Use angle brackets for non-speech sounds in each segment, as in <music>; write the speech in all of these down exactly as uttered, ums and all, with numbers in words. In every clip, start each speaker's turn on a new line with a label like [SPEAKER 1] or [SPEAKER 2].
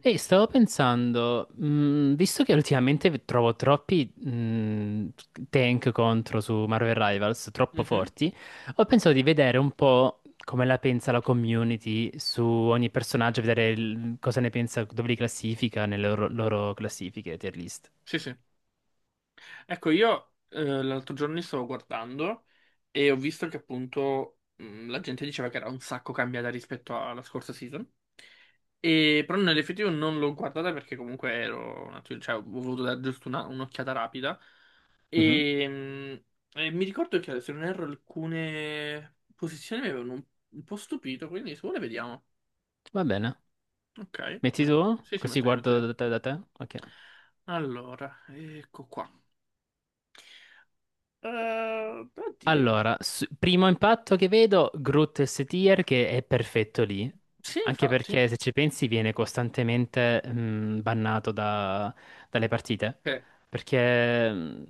[SPEAKER 1] Ehi, stavo pensando, mh, visto che ultimamente trovo troppi mh, tank contro su Marvel Rivals, troppo
[SPEAKER 2] Mhm.
[SPEAKER 1] forti, ho pensato di vedere un po' come la pensa la community su ogni personaggio, vedere il- cosa ne pensa, dove li classifica nelle loro, loro classifiche, tier list.
[SPEAKER 2] Sì, sì. Ecco, io eh, l'altro giorno li stavo guardando e ho visto che appunto mh, la gente diceva che era un sacco cambiata rispetto alla scorsa season. E, però nell'effettivo non l'ho guardata perché comunque ero, un attimo- cioè, ho voluto dare giusto una- un'occhiata rapida.
[SPEAKER 1] Mhm.
[SPEAKER 2] E, mh, e mi ricordo che se non erro alcune posizioni mi avevano un, un po' stupito, quindi se vuole vediamo.
[SPEAKER 1] Va bene.
[SPEAKER 2] Ok.
[SPEAKER 1] Metti
[SPEAKER 2] Me-
[SPEAKER 1] tu?
[SPEAKER 2] Sì, sì,
[SPEAKER 1] Così
[SPEAKER 2] metto io, metto
[SPEAKER 1] guardo
[SPEAKER 2] io.
[SPEAKER 1] da te, da te? Ok.
[SPEAKER 2] Allora, ecco qua. Eh, oddio.
[SPEAKER 1] Allora, s- primo impatto che vedo, Groot S-Tier che è perfetto lì,
[SPEAKER 2] Sì,
[SPEAKER 1] anche
[SPEAKER 2] infatti.
[SPEAKER 1] perché se ci pensi viene costantemente mh, bannato da- dalle partite,
[SPEAKER 2] Sì, è
[SPEAKER 1] perché mh,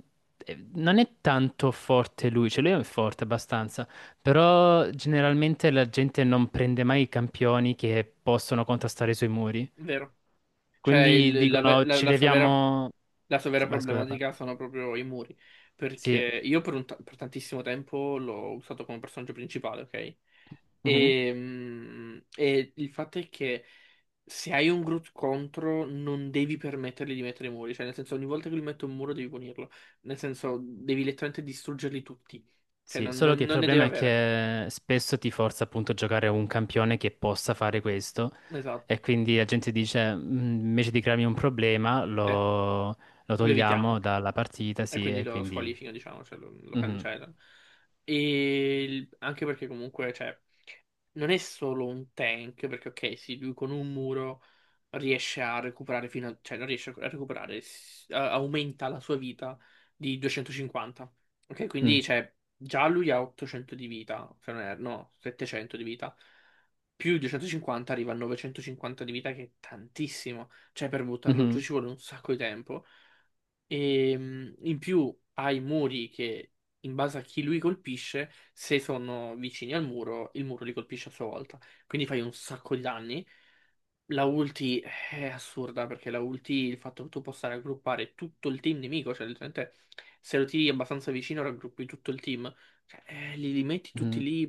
[SPEAKER 1] eh, non è tanto forte lui, cioè lui è forte abbastanza, però generalmente la gente non prende mai i campioni che possono contrastare sui muri,
[SPEAKER 2] vero. Cioè,
[SPEAKER 1] quindi
[SPEAKER 2] il- la, ve-
[SPEAKER 1] dicono
[SPEAKER 2] la-
[SPEAKER 1] ci
[SPEAKER 2] la sua vera,
[SPEAKER 1] leviamo.
[SPEAKER 2] la sua vera
[SPEAKER 1] Vai, scusa, parlo.
[SPEAKER 2] problematica sono proprio i muri. Perché
[SPEAKER 1] Sì.
[SPEAKER 2] io per, un ta- per tantissimo tempo l'ho usato come personaggio principale, ok?
[SPEAKER 1] Mhm.
[SPEAKER 2] E, mm, e il fatto è che se hai un Groot contro, non devi permettergli di mettere i muri. Cioè, nel senso, ogni volta che lui mette un muro devi punirlo. Nel senso, devi letteralmente distruggerli tutti. Cioè,
[SPEAKER 1] Sì,
[SPEAKER 2] non,
[SPEAKER 1] solo
[SPEAKER 2] non-
[SPEAKER 1] che il
[SPEAKER 2] non ne deve
[SPEAKER 1] problema è
[SPEAKER 2] avere.
[SPEAKER 1] che spesso ti forza appunto a giocare un campione che possa fare questo
[SPEAKER 2] Esatto.
[SPEAKER 1] e quindi la gente dice "Mm, invece di crearmi un problema
[SPEAKER 2] Sì,
[SPEAKER 1] lo, lo
[SPEAKER 2] lo
[SPEAKER 1] togliamo
[SPEAKER 2] evitiamo.
[SPEAKER 1] dalla partita,
[SPEAKER 2] E
[SPEAKER 1] sì,
[SPEAKER 2] quindi
[SPEAKER 1] e
[SPEAKER 2] lo
[SPEAKER 1] quindi.
[SPEAKER 2] squalifica, diciamo, cioè lo, lo
[SPEAKER 1] Mhm,
[SPEAKER 2] cancellano. E il- anche perché comunque, cioè, non è solo un tank, perché ok, sì, lui con un muro riesce a recuperare fino a... cioè non riesce a recuperare, s- a- aumenta la sua vita di duecentocinquanta. Ok, quindi,
[SPEAKER 1] mm,
[SPEAKER 2] cioè, già lui ha ottocento di vita, se non erro, no, settecento di vita. Più duecentocinquanta arriva a novecentocinquanta di vita, che è tantissimo. Cioè, per buttarlo giù
[SPEAKER 1] mhm,
[SPEAKER 2] ci vuole un sacco di tempo. E mh, in più ha i muri che, in base a chi lui colpisce, se sono vicini al muro, il muro li colpisce a sua volta. Quindi fai un sacco di danni. La ulti eh, è assurda perché la ulti, il fatto che tu possa raggruppare tutto il team nemico, cioè letteralmente se lo tiri abbastanza vicino raggruppi tutto il team. Cioè, eh, li, li metti tutti
[SPEAKER 1] mhm.
[SPEAKER 2] lì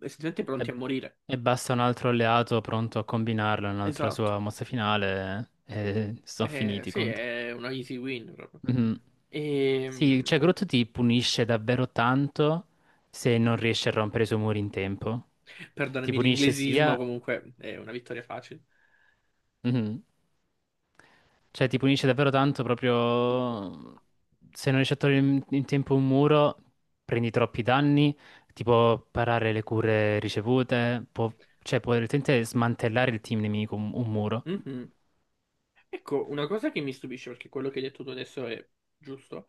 [SPEAKER 2] essenzialmente pronti
[SPEAKER 1] E,
[SPEAKER 2] a morire.
[SPEAKER 1] e basta un altro alleato pronto a combinarlo, un'altra
[SPEAKER 2] Esatto.
[SPEAKER 1] sua mossa finale e sono
[SPEAKER 2] Eh,
[SPEAKER 1] finiti i
[SPEAKER 2] sì,
[SPEAKER 1] contro.
[SPEAKER 2] è una easy win proprio.
[SPEAKER 1] Mhm. Sì,
[SPEAKER 2] Ehm,
[SPEAKER 1] cioè Groot ti punisce davvero tanto se non riesci a rompere i suoi muri in tempo. Ti
[SPEAKER 2] Perdonami
[SPEAKER 1] punisce
[SPEAKER 2] l'inglesismo,
[SPEAKER 1] sia.
[SPEAKER 2] comunque è una vittoria facile.
[SPEAKER 1] Mhm. Cioè ti punisce davvero tanto proprio. Se non riesci a togliere in, in tempo un muro, prendi troppi danni, ti può parare le cure ricevute, può, cioè può direttamente smantellare il team nemico, un, un muro.
[SPEAKER 2] Mhm. Ecco, una cosa che mi stupisce, perché quello che hai detto tu adesso è giusto,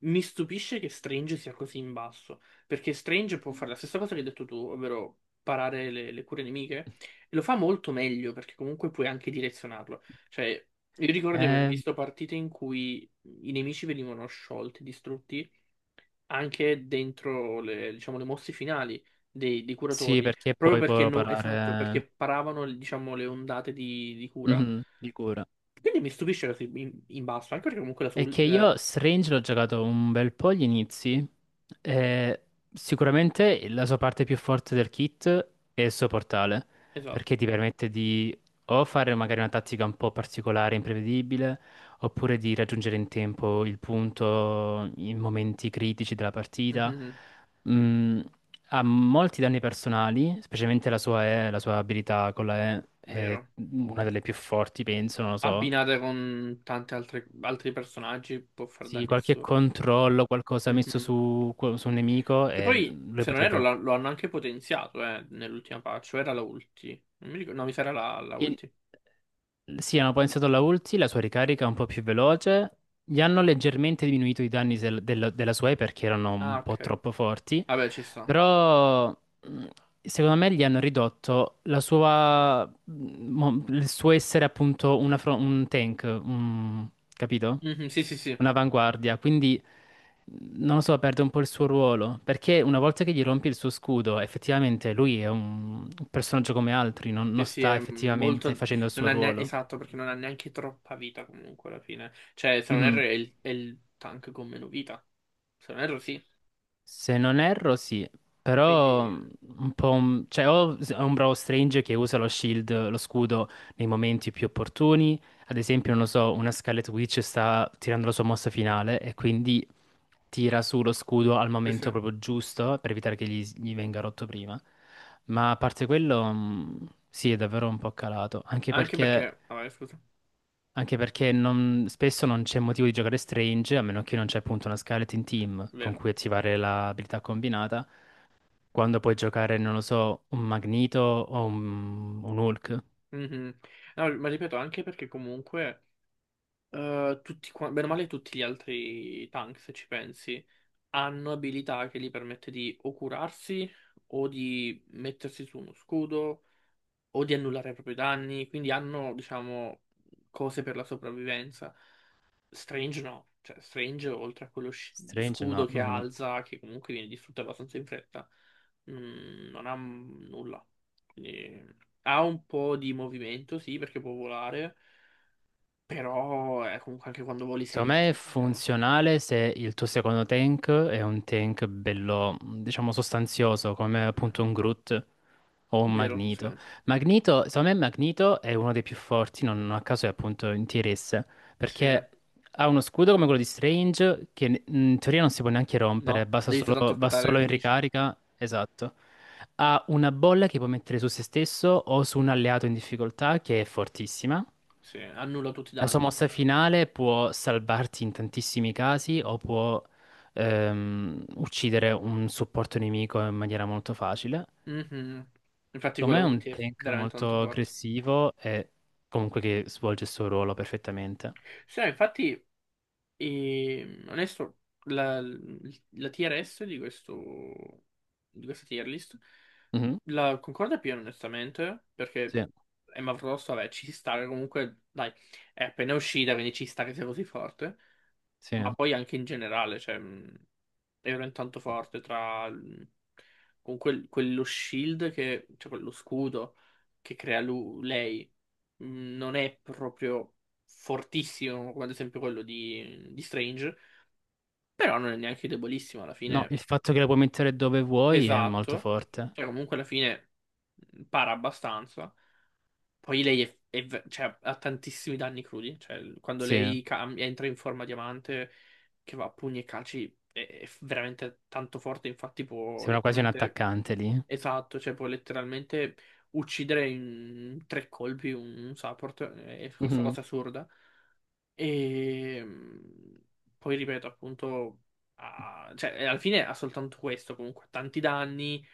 [SPEAKER 2] mi stupisce che Strange sia così in basso, perché Strange può fare la stessa cosa che hai detto tu, ovvero parare le, le cure nemiche, e lo fa molto meglio, perché comunque puoi anche direzionarlo. Cioè, io ricordo di aver
[SPEAKER 1] Eh,
[SPEAKER 2] visto partite in cui i nemici venivano sciolti, distrutti, anche dentro le, diciamo, le mosse finali dei, dei
[SPEAKER 1] sì,
[SPEAKER 2] curatori,
[SPEAKER 1] perché
[SPEAKER 2] proprio
[SPEAKER 1] poi
[SPEAKER 2] perché,
[SPEAKER 1] può
[SPEAKER 2] no, esatto, perché
[SPEAKER 1] parare.
[SPEAKER 2] paravano, diciamo, le ondate di, di cura.
[SPEAKER 1] Mhm, di cura.
[SPEAKER 2] Quindi mi stupisce così in, in basso, anche perché comunque la
[SPEAKER 1] È
[SPEAKER 2] sul...
[SPEAKER 1] che
[SPEAKER 2] eh,
[SPEAKER 1] io Strange l'ho giocato un bel po' agli inizi. E sicuramente la sua parte più forte del kit è il suo portale,
[SPEAKER 2] esatto.
[SPEAKER 1] perché ti permette di o fare magari una tattica un po' particolare, imprevedibile, oppure di raggiungere in tempo il punto in momenti critici della partita.
[SPEAKER 2] Mhm,
[SPEAKER 1] Mm, Ha molti danni personali, specialmente la sua E, la sua abilità con la E è
[SPEAKER 2] vero.
[SPEAKER 1] una delle più forti, penso, non lo so.
[SPEAKER 2] Abbinata con tanti altri, altri personaggi può far
[SPEAKER 1] Sì,
[SPEAKER 2] danni
[SPEAKER 1] qualche
[SPEAKER 2] assurdi.
[SPEAKER 1] controllo, qualcosa messo
[SPEAKER 2] Mhm.
[SPEAKER 1] su, su un nemico
[SPEAKER 2] Che
[SPEAKER 1] e
[SPEAKER 2] poi,
[SPEAKER 1] lui
[SPEAKER 2] se non erro,
[SPEAKER 1] potrebbe.
[SPEAKER 2] la- lo hanno anche potenziato, eh, nell'ultima patch, o era la ulti. Non mi ricordo, no, mi sa era la, la
[SPEAKER 1] In-
[SPEAKER 2] ulti.
[SPEAKER 1] Sì, hanno pensato alla ulti, la sua ricarica è un po' più veloce, gli hanno leggermente diminuito i danni del- del- della sua E perché erano
[SPEAKER 2] Ah,
[SPEAKER 1] un po'
[SPEAKER 2] ok.
[SPEAKER 1] troppo forti,
[SPEAKER 2] Vabbè, ci sta.
[SPEAKER 1] però mh, secondo me gli hanno ridotto la sua, mh, mo- il suo essere appunto una fro- un tank, un- capito?
[SPEAKER 2] Mhm, sì, sì, sì.
[SPEAKER 1] Un'avanguardia, quindi non lo so, perde un po' il suo ruolo, perché una volta che gli rompi il suo scudo, effettivamente lui è un un personaggio come altri, non,
[SPEAKER 2] Sì,
[SPEAKER 1] non
[SPEAKER 2] sì,
[SPEAKER 1] sta
[SPEAKER 2] è
[SPEAKER 1] effettivamente
[SPEAKER 2] molto...
[SPEAKER 1] facendo il
[SPEAKER 2] Non
[SPEAKER 1] suo
[SPEAKER 2] ha neanche...
[SPEAKER 1] ruolo.
[SPEAKER 2] Esatto, perché non ha neanche troppa vita comunque alla fine. Cioè, se non erro è
[SPEAKER 1] Mhm.
[SPEAKER 2] il, è il tank con meno vita. Se non erro sì.
[SPEAKER 1] Se non erro, sì, però mm,
[SPEAKER 2] Quindi...
[SPEAKER 1] un po'. un- Cioè, o s- è un bravo Strange che usa lo shield, lo scudo, nei momenti più opportuni. Ad esempio, non lo so, una Scarlet Witch sta tirando la sua mossa finale e quindi tira su lo scudo al
[SPEAKER 2] Sì,
[SPEAKER 1] momento
[SPEAKER 2] sì.
[SPEAKER 1] proprio giusto per evitare che gli, gli venga rotto prima. Ma a parte quello, mm, sì, è davvero un po' calato, anche
[SPEAKER 2] Anche
[SPEAKER 1] perché.
[SPEAKER 2] perché... Vabbè, scusa.
[SPEAKER 1] Anche perché non- spesso non c'è motivo di giocare Strange, a meno che non c'è appunto una Skeleton Team con
[SPEAKER 2] Vero.
[SPEAKER 1] cui attivare l'abilità combinata, quando puoi giocare, non lo so, un Magneto o un, un Hulk.
[SPEAKER 2] Mhm. No, ma ripeto, anche perché comunque... eh, tutti, qua- bene o male tutti gli altri tank, se ci pensi, hanno abilità che gli permette di o curarsi o di mettersi su uno scudo o di annullare proprio i propri danni, quindi hanno, diciamo, cose per la sopravvivenza. Strange no, cioè Strange oltre a quello sci-
[SPEAKER 1] Strange no.
[SPEAKER 2] scudo che
[SPEAKER 1] Mhm.
[SPEAKER 2] alza, che comunque viene distrutto abbastanza in fretta, mm, non ha m- nulla. Quindi, ha un po' di movimento, sì, perché può volare, però eh, comunque anche quando voli sei
[SPEAKER 1] Secondo me è
[SPEAKER 2] lentissimo.
[SPEAKER 1] funzionale se il tuo secondo tank è un tank bello, diciamo, sostanzioso, come
[SPEAKER 2] Eh,
[SPEAKER 1] appunto un Groot o un
[SPEAKER 2] Vero, sì.
[SPEAKER 1] Magneto. Magneto, secondo me Magneto è uno dei più forti, non a caso è appunto in tier S,
[SPEAKER 2] Sì.
[SPEAKER 1] perché ha uno scudo come quello di Strange che in teoria non si può neanche rompere,
[SPEAKER 2] No,
[SPEAKER 1] basta
[SPEAKER 2] devi soltanto
[SPEAKER 1] solo, va
[SPEAKER 2] aspettare che
[SPEAKER 1] solo in
[SPEAKER 2] finisce.
[SPEAKER 1] ricarica, esatto. Ha una bolla che può mettere su se stesso o su un alleato in difficoltà che è fortissima.
[SPEAKER 2] Sì, annulla tutti i
[SPEAKER 1] La sua
[SPEAKER 2] danni.
[SPEAKER 1] mossa finale può salvarti in tantissimi casi o può ehm, uccidere un supporto nemico in maniera molto facile.
[SPEAKER 2] Mhm. Infatti
[SPEAKER 1] Secondo
[SPEAKER 2] quella
[SPEAKER 1] me è un
[SPEAKER 2] ulti è
[SPEAKER 1] tank
[SPEAKER 2] veramente tanto
[SPEAKER 1] molto
[SPEAKER 2] forte.
[SPEAKER 1] aggressivo e comunque che svolge il suo ruolo perfettamente.
[SPEAKER 2] Sì, no, infatti, eh, onesto, la, la tier S di questo, di questa tier list
[SPEAKER 1] Mhm.
[SPEAKER 2] la concorda più onestamente,
[SPEAKER 1] Sì,
[SPEAKER 2] perché Emma Frost, vabbè, ci sta che comunque, dai, è appena uscita, quindi ci sta che sia così forte.
[SPEAKER 1] sì.
[SPEAKER 2] Ma poi anche in generale, cioè, mh, era intanto forte tra mh, con quel- quello shield che, cioè quello scudo che crea lu- lei, mh, non è proprio fortissimo come ad esempio quello di, di Strange, però non è neanche debolissimo alla
[SPEAKER 1] No,
[SPEAKER 2] fine,
[SPEAKER 1] il fatto che la puoi mettere dove vuoi è molto
[SPEAKER 2] esatto,
[SPEAKER 1] forte.
[SPEAKER 2] cioè comunque alla fine mh, para abbastanza. Poi lei è, è ve- cioè, ha tantissimi danni crudi. Cioè, quando
[SPEAKER 1] Sì,
[SPEAKER 2] lei cam- entra in forma diamante, che va a pugni e calci, è, è veramente tanto forte. Infatti, può
[SPEAKER 1] sembra quasi un
[SPEAKER 2] letteralmente.
[SPEAKER 1] attaccante lì.
[SPEAKER 2] Esatto, cioè, può letteralmente uccidere in tre colpi un, un support. È questa
[SPEAKER 1] Mhm.
[SPEAKER 2] cosa assurda. E mm, Poi ripeto, appunto, ha- cioè, alla fine ha soltanto questo. Comunque, tanti danni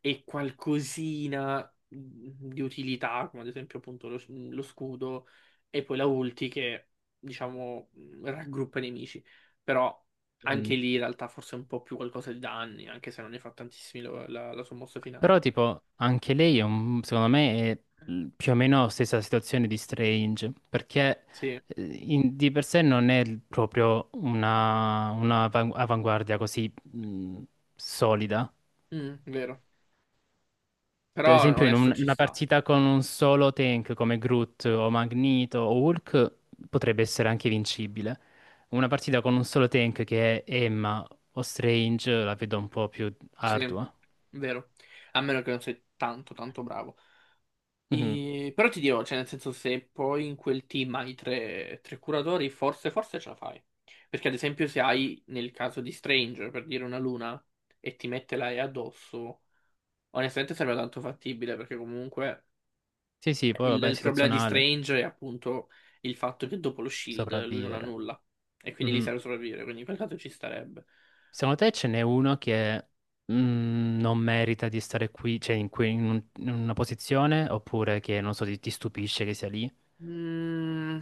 [SPEAKER 2] e qualcosina mhmm, di utilità, come ad esempio appunto lo, lo scudo, e poi la ulti che, diciamo, mhmm, raggruppa i nemici. Però
[SPEAKER 1] Mhm.
[SPEAKER 2] anche lì in realtà forse è un po' più qualcosa di danni, anche se non ne fa tantissimi lo- la, la sua mossa finale.
[SPEAKER 1] Però, tipo, anche lei è un- secondo me è l- più o meno la stessa situazione di Strange, perché
[SPEAKER 2] Sì,
[SPEAKER 1] eh, in- di per sé non è l- proprio una, una avan- avanguardia così mh, solida.
[SPEAKER 2] Mm, vero.
[SPEAKER 1] Per
[SPEAKER 2] Però
[SPEAKER 1] esempio, in
[SPEAKER 2] onesto
[SPEAKER 1] un-
[SPEAKER 2] ci
[SPEAKER 1] una
[SPEAKER 2] sta.
[SPEAKER 1] partita con un solo tank come Groot o Magneto o Hulk potrebbe essere anche vincibile. Una partita con un solo tank che è Emma o Strange la vedo un po' più
[SPEAKER 2] Sì,
[SPEAKER 1] ardua.
[SPEAKER 2] vero. A meno che non sei tanto tanto bravo.
[SPEAKER 1] Mhm.
[SPEAKER 2] E- Però ti dirò, cioè, nel senso, se poi in quel team hai tre, tre curatori, forse, forse ce la fai. Perché, ad esempio, se hai nel caso di Stranger, per dire una luna, e ti mette la E addosso, onestamente sembra tanto fattibile, perché comunque
[SPEAKER 1] Sì, sì, poi
[SPEAKER 2] il,
[SPEAKER 1] vabbè,
[SPEAKER 2] il problema di
[SPEAKER 1] situazionale.
[SPEAKER 2] Strange è appunto il fatto che dopo lo shield lui non ha
[SPEAKER 1] Sopravvivere.
[SPEAKER 2] nulla, e quindi lì
[SPEAKER 1] Mhm.
[SPEAKER 2] serve sopravvivere, quindi in quel caso ci starebbe.
[SPEAKER 1] Secondo te ce n'è uno che mm, non merita di stare qui, cioè in, cui- in un- in una posizione, oppure che non so, ti, ti stupisce che sia lì?
[SPEAKER 2] Mm,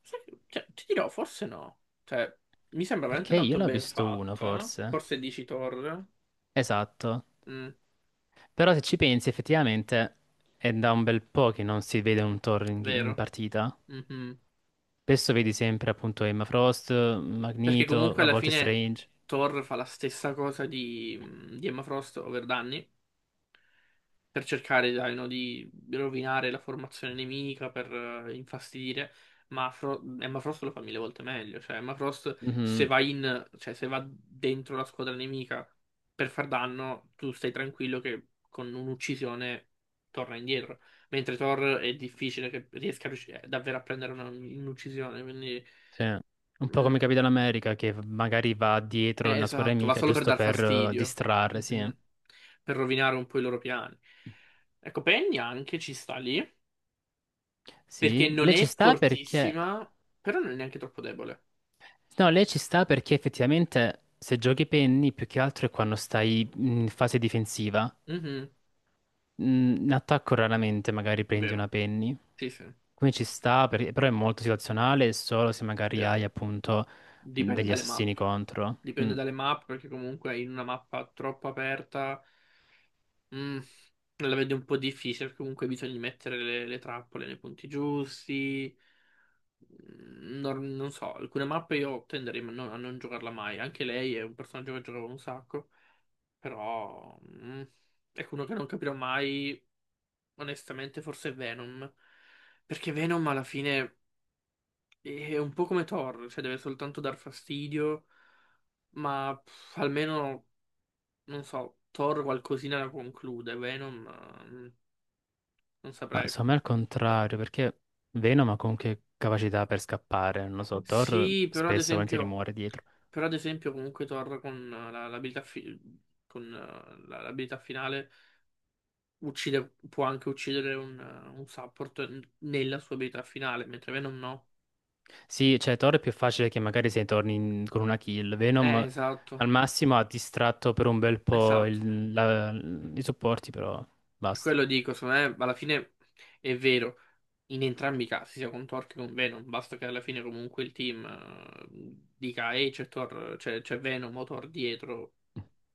[SPEAKER 2] sai che- cioè, ti dirò, forse no. Cioè, mi sembra veramente
[SPEAKER 1] Perché io
[SPEAKER 2] tanto
[SPEAKER 1] ne ho
[SPEAKER 2] ben
[SPEAKER 1] visto uno,
[SPEAKER 2] fatta.
[SPEAKER 1] forse.
[SPEAKER 2] Forse dici Thor.
[SPEAKER 1] Esatto.
[SPEAKER 2] Mm,
[SPEAKER 1] Però se ci pensi, effettivamente è da un bel po' che non si vede un Thor in, in
[SPEAKER 2] vero.
[SPEAKER 1] partita.
[SPEAKER 2] Mhm.
[SPEAKER 1] Spesso vedi sempre appunto Emma Frost,
[SPEAKER 2] Perché
[SPEAKER 1] Magneto,
[SPEAKER 2] comunque
[SPEAKER 1] a
[SPEAKER 2] alla
[SPEAKER 1] volte
[SPEAKER 2] fine
[SPEAKER 1] Strange.
[SPEAKER 2] Thor fa la stessa cosa di, mm, di Emma Frost, ovvero Danny, per cercare, dai, no, di rovinare la formazione nemica, per eh, infastidire, ma Fro- Emma Frost lo fa mille volte meglio. Cioè, Emma Frost se va in, cioè se va dentro la squadra nemica per far danno, tu stai tranquillo che con un'uccisione torna indietro. Mentre Thor è difficile che riesca a riusci- eh, davvero a prendere una- un'uccisione, quindi...
[SPEAKER 1] Sì. Un po' come
[SPEAKER 2] Mm,
[SPEAKER 1] Capitan America che magari va dietro
[SPEAKER 2] eh,
[SPEAKER 1] una squadra
[SPEAKER 2] esatto, va
[SPEAKER 1] amica
[SPEAKER 2] solo per
[SPEAKER 1] giusto
[SPEAKER 2] dar
[SPEAKER 1] per eh,
[SPEAKER 2] fastidio.
[SPEAKER 1] distrarre, sì. Eh.
[SPEAKER 2] Mhm. Per rovinare un po' i loro piani. Ecco, Penny anche ci sta lì,
[SPEAKER 1] Sì,
[SPEAKER 2] perché non
[SPEAKER 1] lei ci
[SPEAKER 2] è
[SPEAKER 1] sta perché.
[SPEAKER 2] fortissima, però non è neanche troppo debole.
[SPEAKER 1] No, lei ci sta perché effettivamente se giochi penny più che altro è quando stai in fase difensiva.
[SPEAKER 2] Mhm,
[SPEAKER 1] Mm, In attacco raramente magari prendi
[SPEAKER 2] vero,
[SPEAKER 1] una penny.
[SPEAKER 2] sì, sì,
[SPEAKER 1] Quindi ci sta, per- però è molto situazionale solo se magari
[SPEAKER 2] vero.
[SPEAKER 1] hai appunto
[SPEAKER 2] Dipende
[SPEAKER 1] degli
[SPEAKER 2] dalle
[SPEAKER 1] assassini
[SPEAKER 2] mappe,
[SPEAKER 1] contro.
[SPEAKER 2] dipende
[SPEAKER 1] Mm.
[SPEAKER 2] dalle mappe, perché comunque in una mappa troppo aperta mm, la vedo un po' difficile, perché comunque bisogna mettere le, le trappole nei punti giusti. Non, non so, alcune mappe io tenderei a non, a non giocarla mai. Anche lei è un personaggio che giocavo un sacco, però mm, ecco uno che non capirò mai, onestamente, forse è Venom. Perché Venom alla fine è un po' come Thor, cioè deve soltanto dar fastidio, ma pff, almeno, non so, Thor qualcosina la conclude, Venom, eh, non
[SPEAKER 1] Ma
[SPEAKER 2] saprei.
[SPEAKER 1] secondo me al contrario, perché Venom ha comunque capacità per scappare, non lo so, Thor
[SPEAKER 2] Sì, però ad
[SPEAKER 1] spesso e volentieri
[SPEAKER 2] esempio.
[SPEAKER 1] muore dietro.
[SPEAKER 2] Però ad esempio comunque Thor con eh, la- l'abilità fi- con eh, la- l'abilità finale uccide, può anche uccidere un, eh, un support n- nella sua abilità finale, mentre Venom no.
[SPEAKER 1] Sì, cioè Thor è più facile che magari se torni in- con una kill,
[SPEAKER 2] Eh,
[SPEAKER 1] Venom
[SPEAKER 2] esatto,
[SPEAKER 1] al massimo ha distratto per un bel po'
[SPEAKER 2] esatto.
[SPEAKER 1] il- la- i supporti, però
[SPEAKER 2] Per
[SPEAKER 1] basta.
[SPEAKER 2] quello dico, secondo me alla fine è vero. In entrambi i casi, sia con Thor che con Venom, basta che alla fine comunque il team eh, dica ehi c'è Thor, c'è c'è Venom o Thor dietro,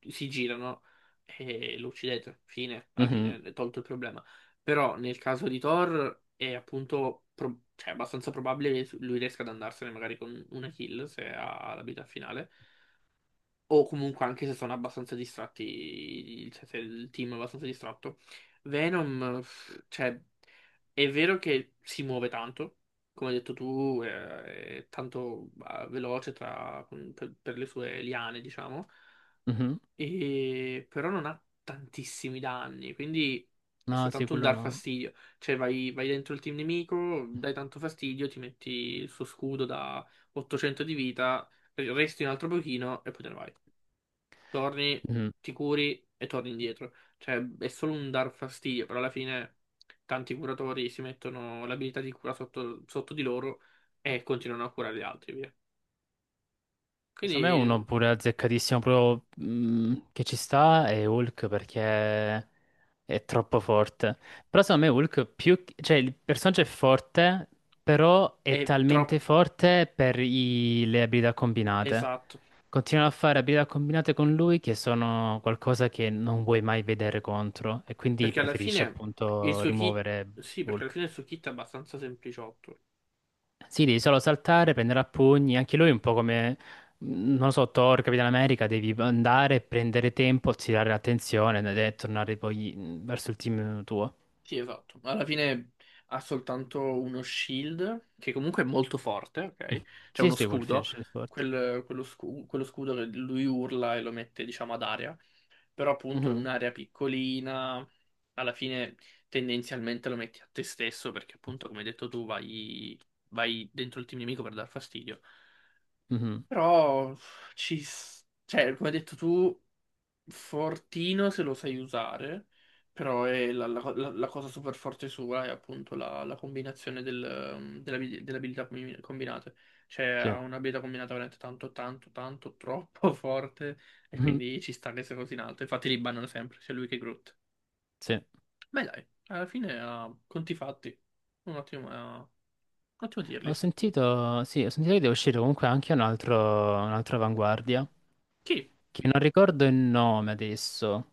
[SPEAKER 2] si girano e lo uccidete, fine,
[SPEAKER 1] Mm.
[SPEAKER 2] alla
[SPEAKER 1] Mhm,
[SPEAKER 2] fine è tolto il problema. Però nel caso di Thor è appunto, pro- cioè, abbastanza probabile che lui riesca ad andarsene magari con una kill se ha la vita finale o comunque anche se sono abbastanza distratti, cioè se il team è abbastanza distratto. Venom, pff, cioè, è vero che si muove tanto, come hai detto tu, eh, è tanto eh, veloce tra- per, per le sue liane, diciamo,
[SPEAKER 1] mhm.
[SPEAKER 2] e- però non ha tantissimi danni, quindi è
[SPEAKER 1] No, sì,
[SPEAKER 2] soltanto un
[SPEAKER 1] quello
[SPEAKER 2] dar
[SPEAKER 1] no.
[SPEAKER 2] fastidio. Cioè vai, vai dentro il team nemico, dai tanto fastidio, ti metti il suo scudo da ottocento di vita, resti un altro pochino e poi te ne vai torni,
[SPEAKER 1] Mhm.
[SPEAKER 2] ti curi e torni indietro. Cioè, è solo un dar fastidio, però alla fine tanti curatori si mettono l'abilità di cura sotto, sotto di loro e continuano a curare gli altri, via.
[SPEAKER 1] Secondo me uno
[SPEAKER 2] Quindi
[SPEAKER 1] pure azzeccatissimo proprio mm, che ci sta è Hulk perché è troppo forte. Però secondo me Hulk più, cioè il personaggio è forte, però è
[SPEAKER 2] è
[SPEAKER 1] talmente
[SPEAKER 2] troppo
[SPEAKER 1] forte per i- le abilità combinate.
[SPEAKER 2] esatto,
[SPEAKER 1] Continuano a fare abilità combinate con lui che sono qualcosa che non vuoi mai vedere contro e quindi
[SPEAKER 2] perché alla
[SPEAKER 1] preferisci
[SPEAKER 2] fine il
[SPEAKER 1] appunto
[SPEAKER 2] suo kit,
[SPEAKER 1] rimuovere
[SPEAKER 2] sì, perché alla
[SPEAKER 1] Hulk.
[SPEAKER 2] fine il suo kit è abbastanza sempliciotto.
[SPEAKER 1] Sì, devi solo saltare, prendere a pugni. Anche lui è un po' come, mm, non lo so, Thor, Capitan America. Devi andare, prendere tempo, attirare l'attenzione ed è tornare poi mm, verso il team tuo.
[SPEAKER 2] Sì, esatto. Alla fine ha soltanto uno shield, che comunque è molto forte, ok?
[SPEAKER 1] <laughs>
[SPEAKER 2] C'è
[SPEAKER 1] Sì,
[SPEAKER 2] uno
[SPEAKER 1] sì,
[SPEAKER 2] scudo,
[SPEAKER 1] Wolfish Sport.
[SPEAKER 2] quel- quello, scu- quello scudo che lui urla e lo mette, diciamo, ad aria. Però appunto è
[SPEAKER 1] Mhm.
[SPEAKER 2] un'area piccolina, alla fine tendenzialmente lo metti a te stesso, perché appunto, come hai detto tu, vai, vai dentro il team nemico per dar fastidio.
[SPEAKER 1] Mhm.
[SPEAKER 2] Però ci... s- Cioè, come hai detto tu... Fortino se lo sai usare, però è la, la- la- la cosa super forte sua è appunto la, la combinazione del, ehm, della abil- delle abilità combi- combinate. Cioè
[SPEAKER 1] Sì.
[SPEAKER 2] ha un'abilità combinata veramente tanto, tanto, tanto, troppo <laughs> forte e
[SPEAKER 1] Mhm.
[SPEAKER 2] quindi ci sta che sia così in alto. Infatti li bannano sempre, sia lui che Groot.
[SPEAKER 1] Sì.
[SPEAKER 2] Ma dai, alla fine ha conti fatti. Un ottimo, eh, un ottimo tier
[SPEAKER 1] Ho
[SPEAKER 2] list.
[SPEAKER 1] sentito, sì, ho sentito che deve uscire comunque anche un altro, un'altra avanguardia.
[SPEAKER 2] Chi?
[SPEAKER 1] Che non ricordo il nome adesso,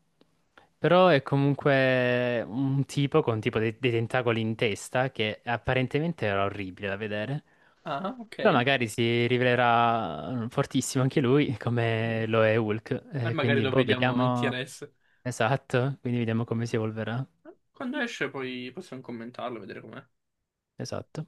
[SPEAKER 1] però è comunque un tipo con tipo dei, dei tentacoli in testa che apparentemente era orribile da vedere,
[SPEAKER 2] Ah,
[SPEAKER 1] però
[SPEAKER 2] ok.
[SPEAKER 1] magari si rivelerà fortissimo anche lui
[SPEAKER 2] Mm.
[SPEAKER 1] come lo è Hulk,
[SPEAKER 2] E
[SPEAKER 1] eh,
[SPEAKER 2] magari
[SPEAKER 1] quindi
[SPEAKER 2] lo
[SPEAKER 1] boh,
[SPEAKER 2] vediamo in
[SPEAKER 1] vediamo.
[SPEAKER 2] T R S.
[SPEAKER 1] Esatto, quindi vediamo come si evolverà.
[SPEAKER 2] Quando esce poi possiamo commentarlo, vedere com'è.
[SPEAKER 1] Esatto.